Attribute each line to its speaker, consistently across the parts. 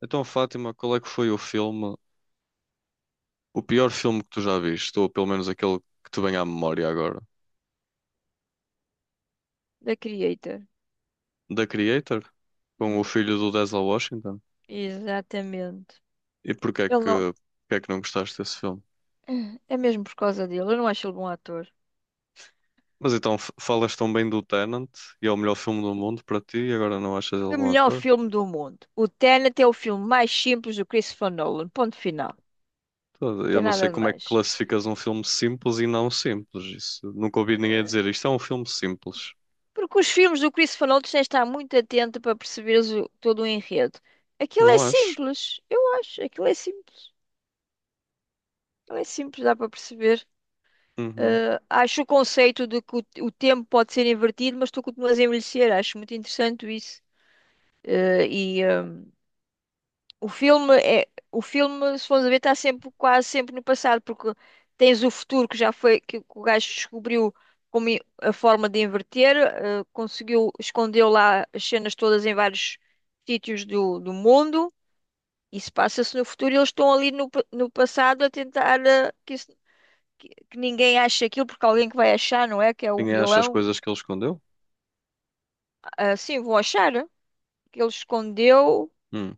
Speaker 1: Então, Fátima, qual é que foi o filme, o pior filme que tu já viste, ou pelo menos aquele que te vem à memória agora?
Speaker 2: Da Creator.
Speaker 1: The Creator? Com o
Speaker 2: Hum,
Speaker 1: filho do Denzel Washington?
Speaker 2: exatamente.
Speaker 1: E porquê é
Speaker 2: Ele não.
Speaker 1: que, Porque é que não gostaste desse filme?
Speaker 2: É mesmo por causa dele. Eu não acho ele bom ator.
Speaker 1: Mas então, falas tão bem do Tenant e é o melhor filme do mundo para ti e agora não achas ele
Speaker 2: O
Speaker 1: bom
Speaker 2: melhor
Speaker 1: ator?
Speaker 2: filme do mundo. O Tenet é o filme mais simples do Christopher Nolan. Ponto final. Não
Speaker 1: Eu
Speaker 2: tem
Speaker 1: não sei
Speaker 2: nada de
Speaker 1: como é que
Speaker 2: mais.
Speaker 1: classificas um filme simples e não simples. Isso, nunca ouvi ninguém
Speaker 2: Eh,
Speaker 1: dizer isto é um filme simples.
Speaker 2: Porque os filmes do Christopher Nolan tu tens de estar muito atento para perceberes todo o enredo. Aquilo é
Speaker 1: Não acho.
Speaker 2: simples. Eu acho. Aquilo é simples. Aquilo é simples, dá para perceber.
Speaker 1: Uhum.
Speaker 2: Acho o conceito de que o tempo pode ser invertido, mas tu continuas a envelhecer. Acho muito interessante isso. Eh, e ah, O filme é, o filme, se fomos a ver, está sempre, quase sempre no passado, porque tens o futuro que já foi, que o gajo descobriu a forma de inverter, conseguiu, escondeu lá as cenas todas em vários sítios do mundo. Isso passa-se no futuro e eles estão ali no passado a tentar que ninguém ache aquilo, porque alguém que vai achar, não é? Que é o
Speaker 1: Ninguém acha as
Speaker 2: vilão.
Speaker 1: coisas que ele escondeu?
Speaker 2: Ah, sim, vão achar, que ele escondeu,
Speaker 1: Hum.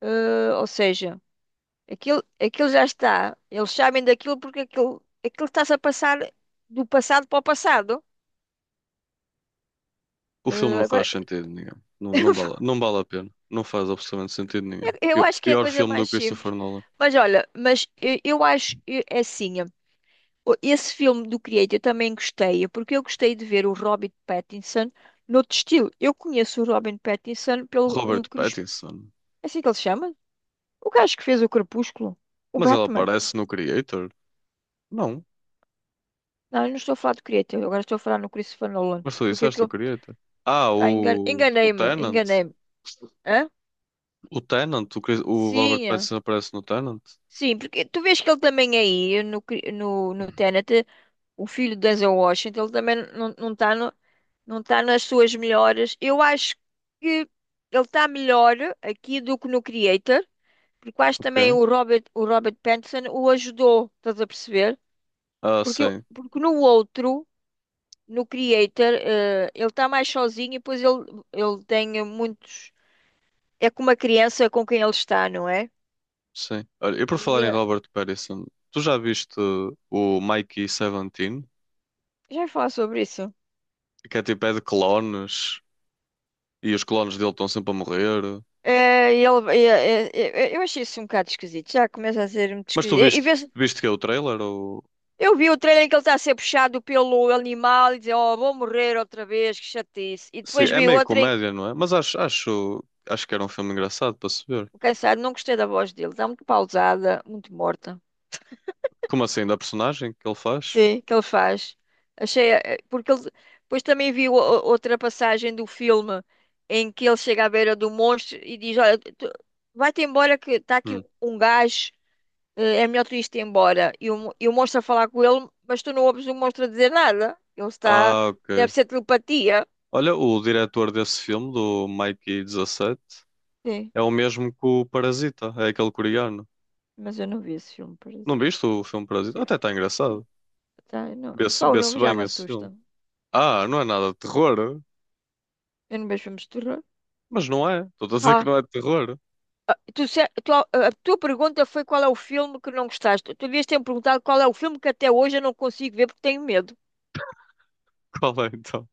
Speaker 2: ou seja. Aquilo já está. Eles sabem daquilo porque aquilo está-se a passar do passado para o passado.
Speaker 1: O filme não
Speaker 2: Agora,
Speaker 1: faz sentido nenhum. Não, não vale a pena. Não faz absolutamente sentido nenhum.
Speaker 2: eu acho que é a
Speaker 1: Pior
Speaker 2: coisa
Speaker 1: filme do
Speaker 2: mais simples.
Speaker 1: Christopher Nolan.
Speaker 2: Mas olha, mas eu acho é assim. Esse filme do Creator eu também gostei, porque eu gostei de ver o Robin Pattinson noutro estilo. Eu conheço o Robin Pattinson pelo
Speaker 1: Robert
Speaker 2: Crepúsculo.
Speaker 1: Pattinson.
Speaker 2: É assim que ele se chama? O gajo que fez o Crepúsculo. O
Speaker 1: Mas ele
Speaker 2: Batman.
Speaker 1: aparece no Creator? Não.
Speaker 2: Não, eu não estou a falar do Creator, agora estou a falar no Christopher Nolan.
Speaker 1: Mas tu
Speaker 2: Porque é que
Speaker 1: disseste o
Speaker 2: eu.
Speaker 1: Creator. Ah,
Speaker 2: Ah,
Speaker 1: o, o
Speaker 2: enganei-me,
Speaker 1: Tenant.
Speaker 2: enganei-me. Hã?
Speaker 1: O Tenant. O Robert
Speaker 2: Sim,
Speaker 1: Pattinson aparece no Tenant?
Speaker 2: sim, porque tu vês que ele também é aí no Tenet, o filho do Denzel Washington, ele também não está no, não tá nas suas melhores. Eu acho que ele está melhor aqui do que no Creator, porque eu acho também
Speaker 1: Ok.
Speaker 2: o Robert Pattinson o ajudou, estás a perceber?
Speaker 1: Ah,
Speaker 2: Porque,
Speaker 1: sim.
Speaker 2: porque no outro, no Creator, ele está mais sozinho e depois ele tem muitos. É com uma criança com quem ele está, não é?
Speaker 1: Sim. Olha, e por falar
Speaker 2: E
Speaker 1: em
Speaker 2: eh,
Speaker 1: Robert Pattinson, tu já viste o Mikey 17?
Speaker 2: Já ia falar sobre isso.
Speaker 1: Que é tipo, é de clones. E os clones dele estão sempre a morrer.
Speaker 2: É, e ele, eu achei isso um bocado esquisito. Já começa a ser muito
Speaker 1: Mas
Speaker 2: esquisito.
Speaker 1: tu
Speaker 2: E, e
Speaker 1: viste
Speaker 2: vê-se-
Speaker 1: viste que é o trailer? Ou...
Speaker 2: eu vi o trailer em que ele está a ser puxado pelo animal e dizer, oh, vou morrer outra vez, que chatice. E
Speaker 1: Sim,
Speaker 2: depois
Speaker 1: é
Speaker 2: vi
Speaker 1: meio
Speaker 2: outra em.
Speaker 1: comédia, não é? Mas acho que era um filme engraçado para se ver.
Speaker 2: Cansado, não gostei da voz dele. Está muito pausada, muito morta.
Speaker 1: Como assim? Da personagem que ele faz?
Speaker 2: Sim, que ele faz. Achei. Porque ele. Depois também vi outra passagem do filme em que ele chega à beira do monstro e diz, olha, vai-te embora que está aqui
Speaker 1: Hum.
Speaker 2: um gajo. É melhor tu isto embora. E o monstro a falar com ele, mas tu não ouves o monstro a dizer nada. Ele está.
Speaker 1: Ah,
Speaker 2: Deve
Speaker 1: ok.
Speaker 2: ser telepatia.
Speaker 1: Olha, o diretor desse filme, do Mikey dezassete
Speaker 2: Sim,
Speaker 1: é o mesmo que o Parasita, é aquele coreano.
Speaker 2: mas eu não vi esse filme,
Speaker 1: Não
Speaker 2: parasita.
Speaker 1: viste o filme Parasita?
Speaker 2: Eu-
Speaker 1: Até está
Speaker 2: Sim,
Speaker 1: engraçado.
Speaker 2: tá, eu não. Só o
Speaker 1: Vê-se
Speaker 2: nome já
Speaker 1: bem
Speaker 2: me
Speaker 1: esse filme.
Speaker 2: assusta.
Speaker 1: Ah, não é nada de terror?
Speaker 2: Eu não vejo filmes de terror.
Speaker 1: Mas não é. Estou a dizer que
Speaker 2: Ah,
Speaker 1: não é de terror.
Speaker 2: tu, se- tu- a tua pergunta foi qual é o filme que não gostaste. Tu devias ter me perguntado qual é o filme que até hoje eu não consigo ver porque tenho medo.
Speaker 1: Qual é então?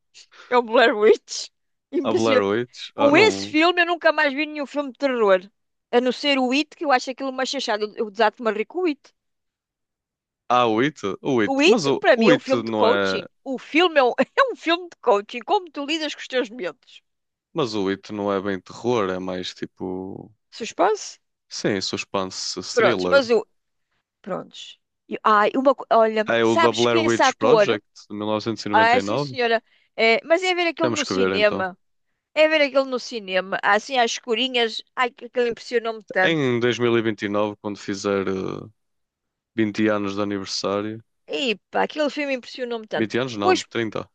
Speaker 2: É o Blair Witch.
Speaker 1: A Blair
Speaker 2: Impressionante.
Speaker 1: Witch? Ah,
Speaker 2: Com esse
Speaker 1: não.
Speaker 2: filme, eu nunca mais vi nenhum filme de terror. A não ser o It, que eu acho aquilo uma chachada. Eu desato-me a rir com o It.
Speaker 1: Há oito? O
Speaker 2: O
Speaker 1: oito.
Speaker 2: It,
Speaker 1: Mas o
Speaker 2: para
Speaker 1: o
Speaker 2: mim, é um
Speaker 1: oito
Speaker 2: filme de
Speaker 1: não é.
Speaker 2: coaching. O filme é um, é um filme de coaching. Como tu lidas com os teus medos?
Speaker 1: Mas o oito não é bem terror, é mais tipo.
Speaker 2: Suspense?
Speaker 1: Sim, suspense
Speaker 2: Prontos,
Speaker 1: thriller.
Speaker 2: mas o. Prontos. Ai, uma. Olha,
Speaker 1: Ah, é o da
Speaker 2: sabes que
Speaker 1: Blair
Speaker 2: esse
Speaker 1: Witch
Speaker 2: ator.
Speaker 1: Project de
Speaker 2: Ah, sim,
Speaker 1: 1999.
Speaker 2: senhora. É, mas é ver aquilo
Speaker 1: Temos
Speaker 2: no
Speaker 1: que ver então.
Speaker 2: cinema. É ver aquilo no cinema. Assim, às escurinhas. Ai, aquilo impressionou-me tanto.
Speaker 1: Em 2029, quando fizer 20 anos de aniversário.
Speaker 2: E pá, aquele filme impressionou-me tanto.
Speaker 1: 20 anos não,
Speaker 2: Pois.
Speaker 1: 30.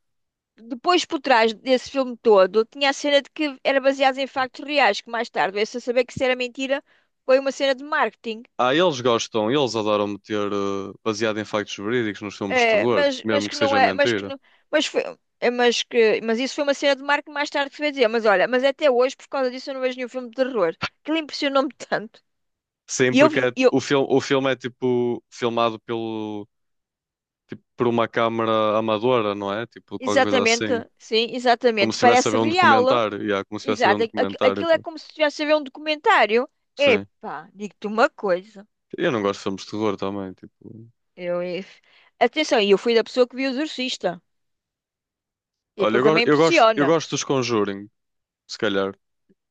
Speaker 2: Depois, por trás desse filme todo, tinha a cena de que era baseado em factos reais, que mais tarde veio-se a saber que isso era mentira, foi uma cena de marketing.
Speaker 1: Ah, eles gostam, eles adoram meter baseado em factos verídicos nos filmes de
Speaker 2: É,
Speaker 1: terror,
Speaker 2: mas
Speaker 1: mesmo que
Speaker 2: que não
Speaker 1: seja
Speaker 2: é, mas que
Speaker 1: mentira.
Speaker 2: não, mas foi, é, mas que, mas isso foi uma cena de marketing mais tarde que se veio dizer, mas olha, mas até hoje, por causa disso, eu não vejo nenhum filme de terror. Aquilo impressionou-me tanto.
Speaker 1: Sim,
Speaker 2: E eu, eu,
Speaker 1: o filme é tipo filmado pelo tipo, por uma câmara amadora, não é? Tipo, qualquer coisa
Speaker 2: exatamente,
Speaker 1: assim.
Speaker 2: sim,
Speaker 1: Como
Speaker 2: exatamente,
Speaker 1: se estivesse a
Speaker 2: parece
Speaker 1: ver um
Speaker 2: real,
Speaker 1: documentário. Yeah, como se estivesse a ver um
Speaker 2: exato,
Speaker 1: documentário.
Speaker 2: aquilo é
Speaker 1: Pá.
Speaker 2: como se estivesse a ver um documentário.
Speaker 1: Sim.
Speaker 2: Epá, digo-te uma coisa.
Speaker 1: Eu não gosto de filmes de terror também. Tipo...
Speaker 2: Eu, Atenção, e eu fui da pessoa que viu o Exorcista. E
Speaker 1: Olha,
Speaker 2: aquilo também
Speaker 1: eu
Speaker 2: impressiona.
Speaker 1: gosto dos Conjuring, se calhar.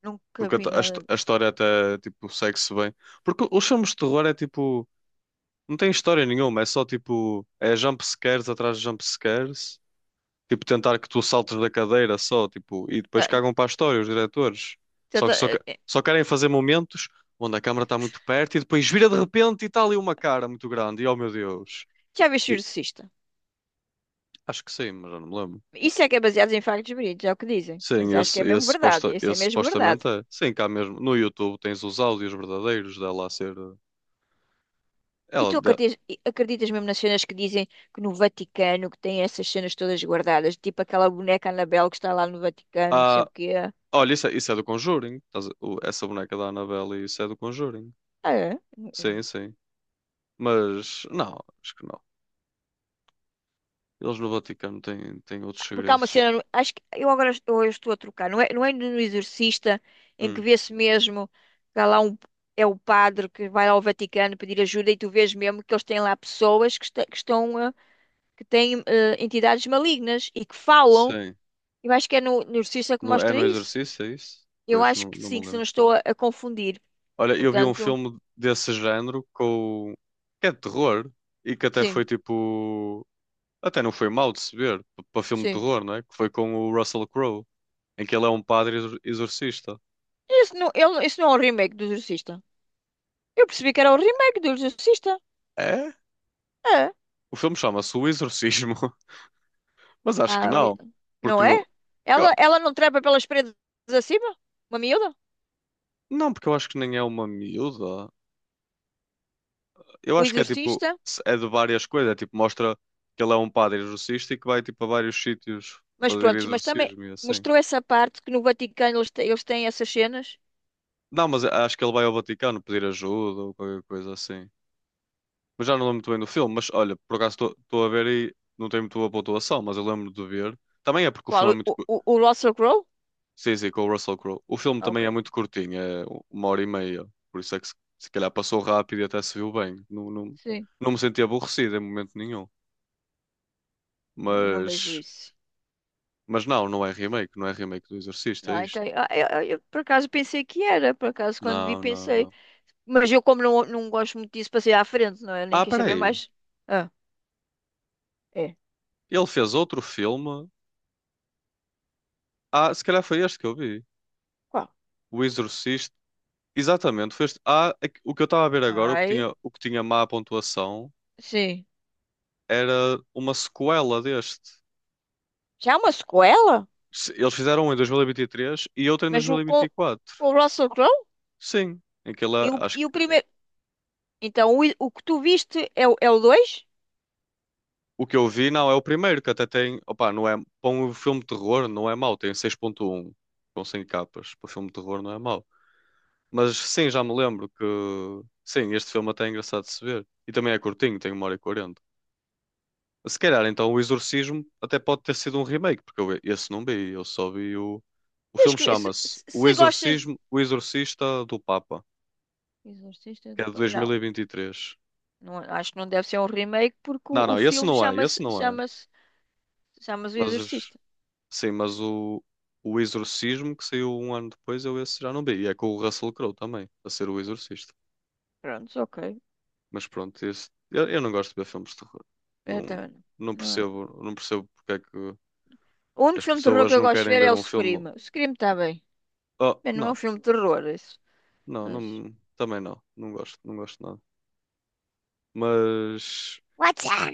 Speaker 2: Nunca
Speaker 1: Porque
Speaker 2: vi nada.
Speaker 1: a história até, tipo, segue-se bem. Porque os filmes de terror é, tipo... Não tem história nenhuma. É só, tipo... É jump scares atrás de jump scares. Tipo, tentar que tu saltes da cadeira só, tipo, e
Speaker 2: Ah,
Speaker 1: depois cagam para a história os diretores. Só que só,
Speaker 2: tanta-
Speaker 1: que-
Speaker 2: eh, eh,
Speaker 1: só querem fazer momentos onde a câmara está muito perto e depois vira de repente e está ali uma cara muito grande. E oh meu Deus.
Speaker 2: Já viste o
Speaker 1: E-
Speaker 2: Exorcista?
Speaker 1: Acho que sim, mas já não me lembro.
Speaker 2: Isso é que é baseado em factos verídicos, é o que dizem.
Speaker 1: Sim,
Speaker 2: Mas acho que
Speaker 1: esse,
Speaker 2: é mesmo
Speaker 1: esse,
Speaker 2: verdade.
Speaker 1: suposta,
Speaker 2: Isso é
Speaker 1: esse
Speaker 2: mesmo verdade.
Speaker 1: supostamente é. Sim, cá mesmo. No YouTube tens os áudios verdadeiros dela a ser.
Speaker 2: E
Speaker 1: Ela,
Speaker 2: tu
Speaker 1: de-
Speaker 2: acreditas, e acreditas mesmo nas cenas que dizem que no Vaticano que tem essas cenas todas guardadas, tipo aquela boneca Anabel que está lá no Vaticano, não sei o
Speaker 1: Ah,
Speaker 2: quê.
Speaker 1: olha, isso é do Conjuring. Essa boneca da Annabelle, isso é do Conjuring.
Speaker 2: Ah, é?
Speaker 1: Sim,
Speaker 2: Eu
Speaker 1: sim. Mas não, acho que não. Eles no Vaticano têm outros
Speaker 2: Porque há uma
Speaker 1: segredos.
Speaker 2: cena, acho que eu agora eu estou a trocar, não é no Exorcista em que
Speaker 1: Hum,
Speaker 2: vê-se mesmo que há lá um. É o padre que vai ao Vaticano pedir ajuda e tu vês mesmo que eles têm lá pessoas que, que estão, que têm entidades malignas e que falam.
Speaker 1: sim.
Speaker 2: Eu acho que é no Exorcista que
Speaker 1: No, é
Speaker 2: mostra
Speaker 1: no
Speaker 2: isso.
Speaker 1: exercício, é isso?
Speaker 2: Eu
Speaker 1: Pois,
Speaker 2: acho
Speaker 1: não,
Speaker 2: que
Speaker 1: não me
Speaker 2: sim, que se não
Speaker 1: lembro.
Speaker 2: estou a confundir.
Speaker 1: Olha, eu vi um
Speaker 2: Portanto,
Speaker 1: filme desse género com... que é de terror e que até
Speaker 2: sim,
Speaker 1: foi tipo... Até não foi mal de se ver para filme de
Speaker 2: sim.
Speaker 1: terror, não é? Que foi com o Russell Crowe, em que ele é um padre exorcista.
Speaker 2: Isso não, isso não é um remake do Exorcista. Eu percebi que era o remake do Exorcista.
Speaker 1: É?
Speaker 2: É.
Speaker 1: O filme chama-se O Exorcismo, mas acho que
Speaker 2: Ah,
Speaker 1: não, porque
Speaker 2: não
Speaker 1: não...
Speaker 2: é?
Speaker 1: eu-
Speaker 2: Ela não trepa pelas paredes acima? Uma miúda?
Speaker 1: Não, porque eu acho que nem é uma miúda. Eu
Speaker 2: O
Speaker 1: acho que é tipo,
Speaker 2: exorcista?
Speaker 1: é de várias coisas. É tipo, mostra que ele é um padre exorcista e que vai tipo a vários sítios
Speaker 2: Mas
Speaker 1: fazer
Speaker 2: pronto, mas também
Speaker 1: exorcismo e assim.
Speaker 2: mostrou essa parte que no Vaticano eles têm essas cenas.
Speaker 1: Não, mas acho que ele vai ao Vaticano pedir ajuda ou qualquer coisa assim. Mas já não lembro muito bem do filme. Mas olha, por acaso estou a ver e não tem muito boa pontuação, mas eu lembro de ver. Também é porque o filme
Speaker 2: Qual?
Speaker 1: é muito.
Speaker 2: O, o, o Russell Crowe?
Speaker 1: Sim, sim, com o Russell Crowe. O filme
Speaker 2: Ah,
Speaker 1: também é
Speaker 2: ok.
Speaker 1: muito curtinho, é 1h30. Por isso é que se calhar passou rápido e até se viu bem. Não, não,
Speaker 2: Sim.
Speaker 1: não me senti aborrecido em momento nenhum.
Speaker 2: Eu não vejo
Speaker 1: Mas.
Speaker 2: isso.
Speaker 1: Mas não, não é remake do Exorcista, é
Speaker 2: Não,
Speaker 1: isto.
Speaker 2: então, eu por acaso pensei que era, por acaso quando vi
Speaker 1: Não, não,
Speaker 2: pensei.
Speaker 1: não.
Speaker 2: Mas eu como não gosto muito disso, passei à frente, não é? Nem
Speaker 1: Ah,
Speaker 2: quis saber
Speaker 1: peraí.
Speaker 2: mais. Ah, é.
Speaker 1: Ele fez outro filme. Ah, se calhar foi este que eu vi.
Speaker 2: Qual?
Speaker 1: O Exorcista. Exatamente, foi este. O que eu estava a ver agora,
Speaker 2: Ai,
Speaker 1: o que tinha má pontuação,
Speaker 2: sim.
Speaker 1: era uma sequela deste.
Speaker 2: Já é uma sequela?
Speaker 1: Eles fizeram um em 2023 e vinte e três e outro em
Speaker 2: Mas o, com,
Speaker 1: 2024.
Speaker 2: com o Russell Crowe?
Speaker 1: Sim, em que ele,
Speaker 2: E o,
Speaker 1: é, acho
Speaker 2: e
Speaker 1: que.
Speaker 2: o
Speaker 1: É,
Speaker 2: primeiro. Então, o que tu viste é o dois.
Speaker 1: o que eu vi, não, é o primeiro, que até tem. Opa, não é. Para um filme de terror, não é mau, tem 6.1 com 100 capas. Para um filme de terror, não é mau. Mas sim, já me lembro que. Sim, este filme até é engraçado de se ver. E também é curtinho, tem 1h40. Se calhar, então, o Exorcismo até pode ter sido um remake, porque eu esse não vi, eu só vi o. O
Speaker 2: Tens
Speaker 1: filme
Speaker 2: que ver. Se,
Speaker 1: chama-se
Speaker 2: se,
Speaker 1: O
Speaker 2: se gostas.
Speaker 1: Exorcismo, O Exorcista do Papa,
Speaker 2: Exorcista
Speaker 1: que
Speaker 2: de.
Speaker 1: é de
Speaker 2: Não,
Speaker 1: 2023.
Speaker 2: não, acho que não deve ser um remake porque
Speaker 1: Não,
Speaker 2: o
Speaker 1: não, esse
Speaker 2: filme
Speaker 1: não é, esse
Speaker 2: chama-se
Speaker 1: não é.
Speaker 2: O
Speaker 1: Mas,
Speaker 2: Exorcista.
Speaker 1: sim, mas o Exorcismo, que saiu um ano depois, eu esse já não vi. E é com o Russell Crowe também, a ser o Exorcista.
Speaker 2: Pronto, ok.
Speaker 1: Mas pronto, eu não gosto de ver filmes de terror. Não,
Speaker 2: Então, não.
Speaker 1: não percebo porque é que
Speaker 2: O único
Speaker 1: as
Speaker 2: filme de terror
Speaker 1: pessoas
Speaker 2: que eu
Speaker 1: não
Speaker 2: gosto de
Speaker 1: querem
Speaker 2: ver é
Speaker 1: ver
Speaker 2: o
Speaker 1: um
Speaker 2: Scream.
Speaker 1: filme.
Speaker 2: O Scream está bem.
Speaker 1: Oh,
Speaker 2: Bem, não é um
Speaker 1: não,
Speaker 2: filme de terror, isso.
Speaker 1: não,
Speaker 2: Mas.
Speaker 1: não, também não. Não gosto nada. Mas
Speaker 2: What's up?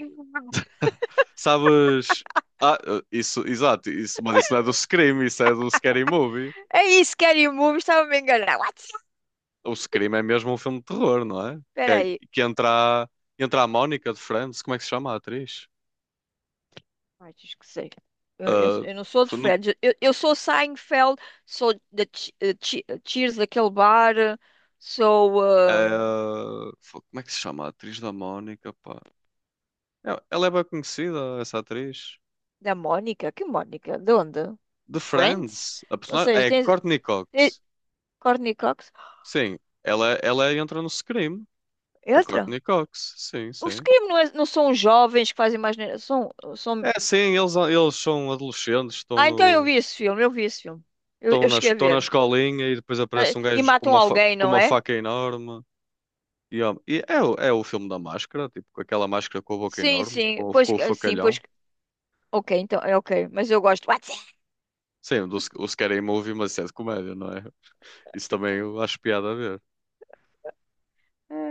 Speaker 1: sabes? Ah, isso não é do Scream, isso é do Scary Movie.
Speaker 2: É isso, Scary Movie, estava-me a enganar. What's up?
Speaker 1: O Scream é mesmo um filme de terror, não é? Que,
Speaker 2: Espera
Speaker 1: é-
Speaker 2: aí.
Speaker 1: que entra, entra a Mónica de Friends, como é que se chama a atriz?
Speaker 2: Ai, diz que sei. Eu, eu,
Speaker 1: Ah,
Speaker 2: eu não sou de
Speaker 1: foi no-
Speaker 2: Friends. Eu sou Seinfeld, sou da Cheers, daquele bar, sou
Speaker 1: ah, foi- como é que se chama a atriz da Mónica, pá? Não, ela é bem conhecida, essa atriz.
Speaker 2: da Mónica. Que Mónica? De onde?
Speaker 1: De
Speaker 2: De Friends?
Speaker 1: Friends. A
Speaker 2: Ou
Speaker 1: personagem
Speaker 2: seja,
Speaker 1: é
Speaker 2: tens,
Speaker 1: Courtney
Speaker 2: tens
Speaker 1: Cox.
Speaker 2: Courtney Cox.
Speaker 1: Sim, ela entra no Scream. A
Speaker 2: Outra?
Speaker 1: Courtney Cox. Sim,
Speaker 2: Os
Speaker 1: sim.
Speaker 2: crimes não, não são jovens que fazem mais. Neira, São...
Speaker 1: É, sim, eles são adolescentes, estão
Speaker 2: Ah, então eu
Speaker 1: no,
Speaker 2: vi esse filme, eu vi esse filme. Eu, eu cheguei a
Speaker 1: estão na
Speaker 2: ver.
Speaker 1: escolinha e depois
Speaker 2: Eh,
Speaker 1: aparece um
Speaker 2: E
Speaker 1: gajo com
Speaker 2: matam
Speaker 1: uma,
Speaker 2: alguém,
Speaker 1: com
Speaker 2: não
Speaker 1: uma
Speaker 2: é?
Speaker 1: faca enorme. E, ó, e é, o- É o filme da máscara, tipo, com aquela máscara com a boca
Speaker 2: Sim,
Speaker 1: enorme,
Speaker 2: sim. Pois,
Speaker 1: com o
Speaker 2: sim, pois.
Speaker 1: facalhão.
Speaker 2: Ok, então, é ok. Mas eu gosto. What's
Speaker 1: Sim, o Scary Movie, mas isso é de comédia, não é? Isso também eu acho piada a ver.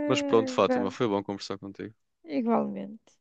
Speaker 1: Mas pronto, Fátima,
Speaker 2: that?
Speaker 1: foi bom conversar contigo.
Speaker 2: Igualmente.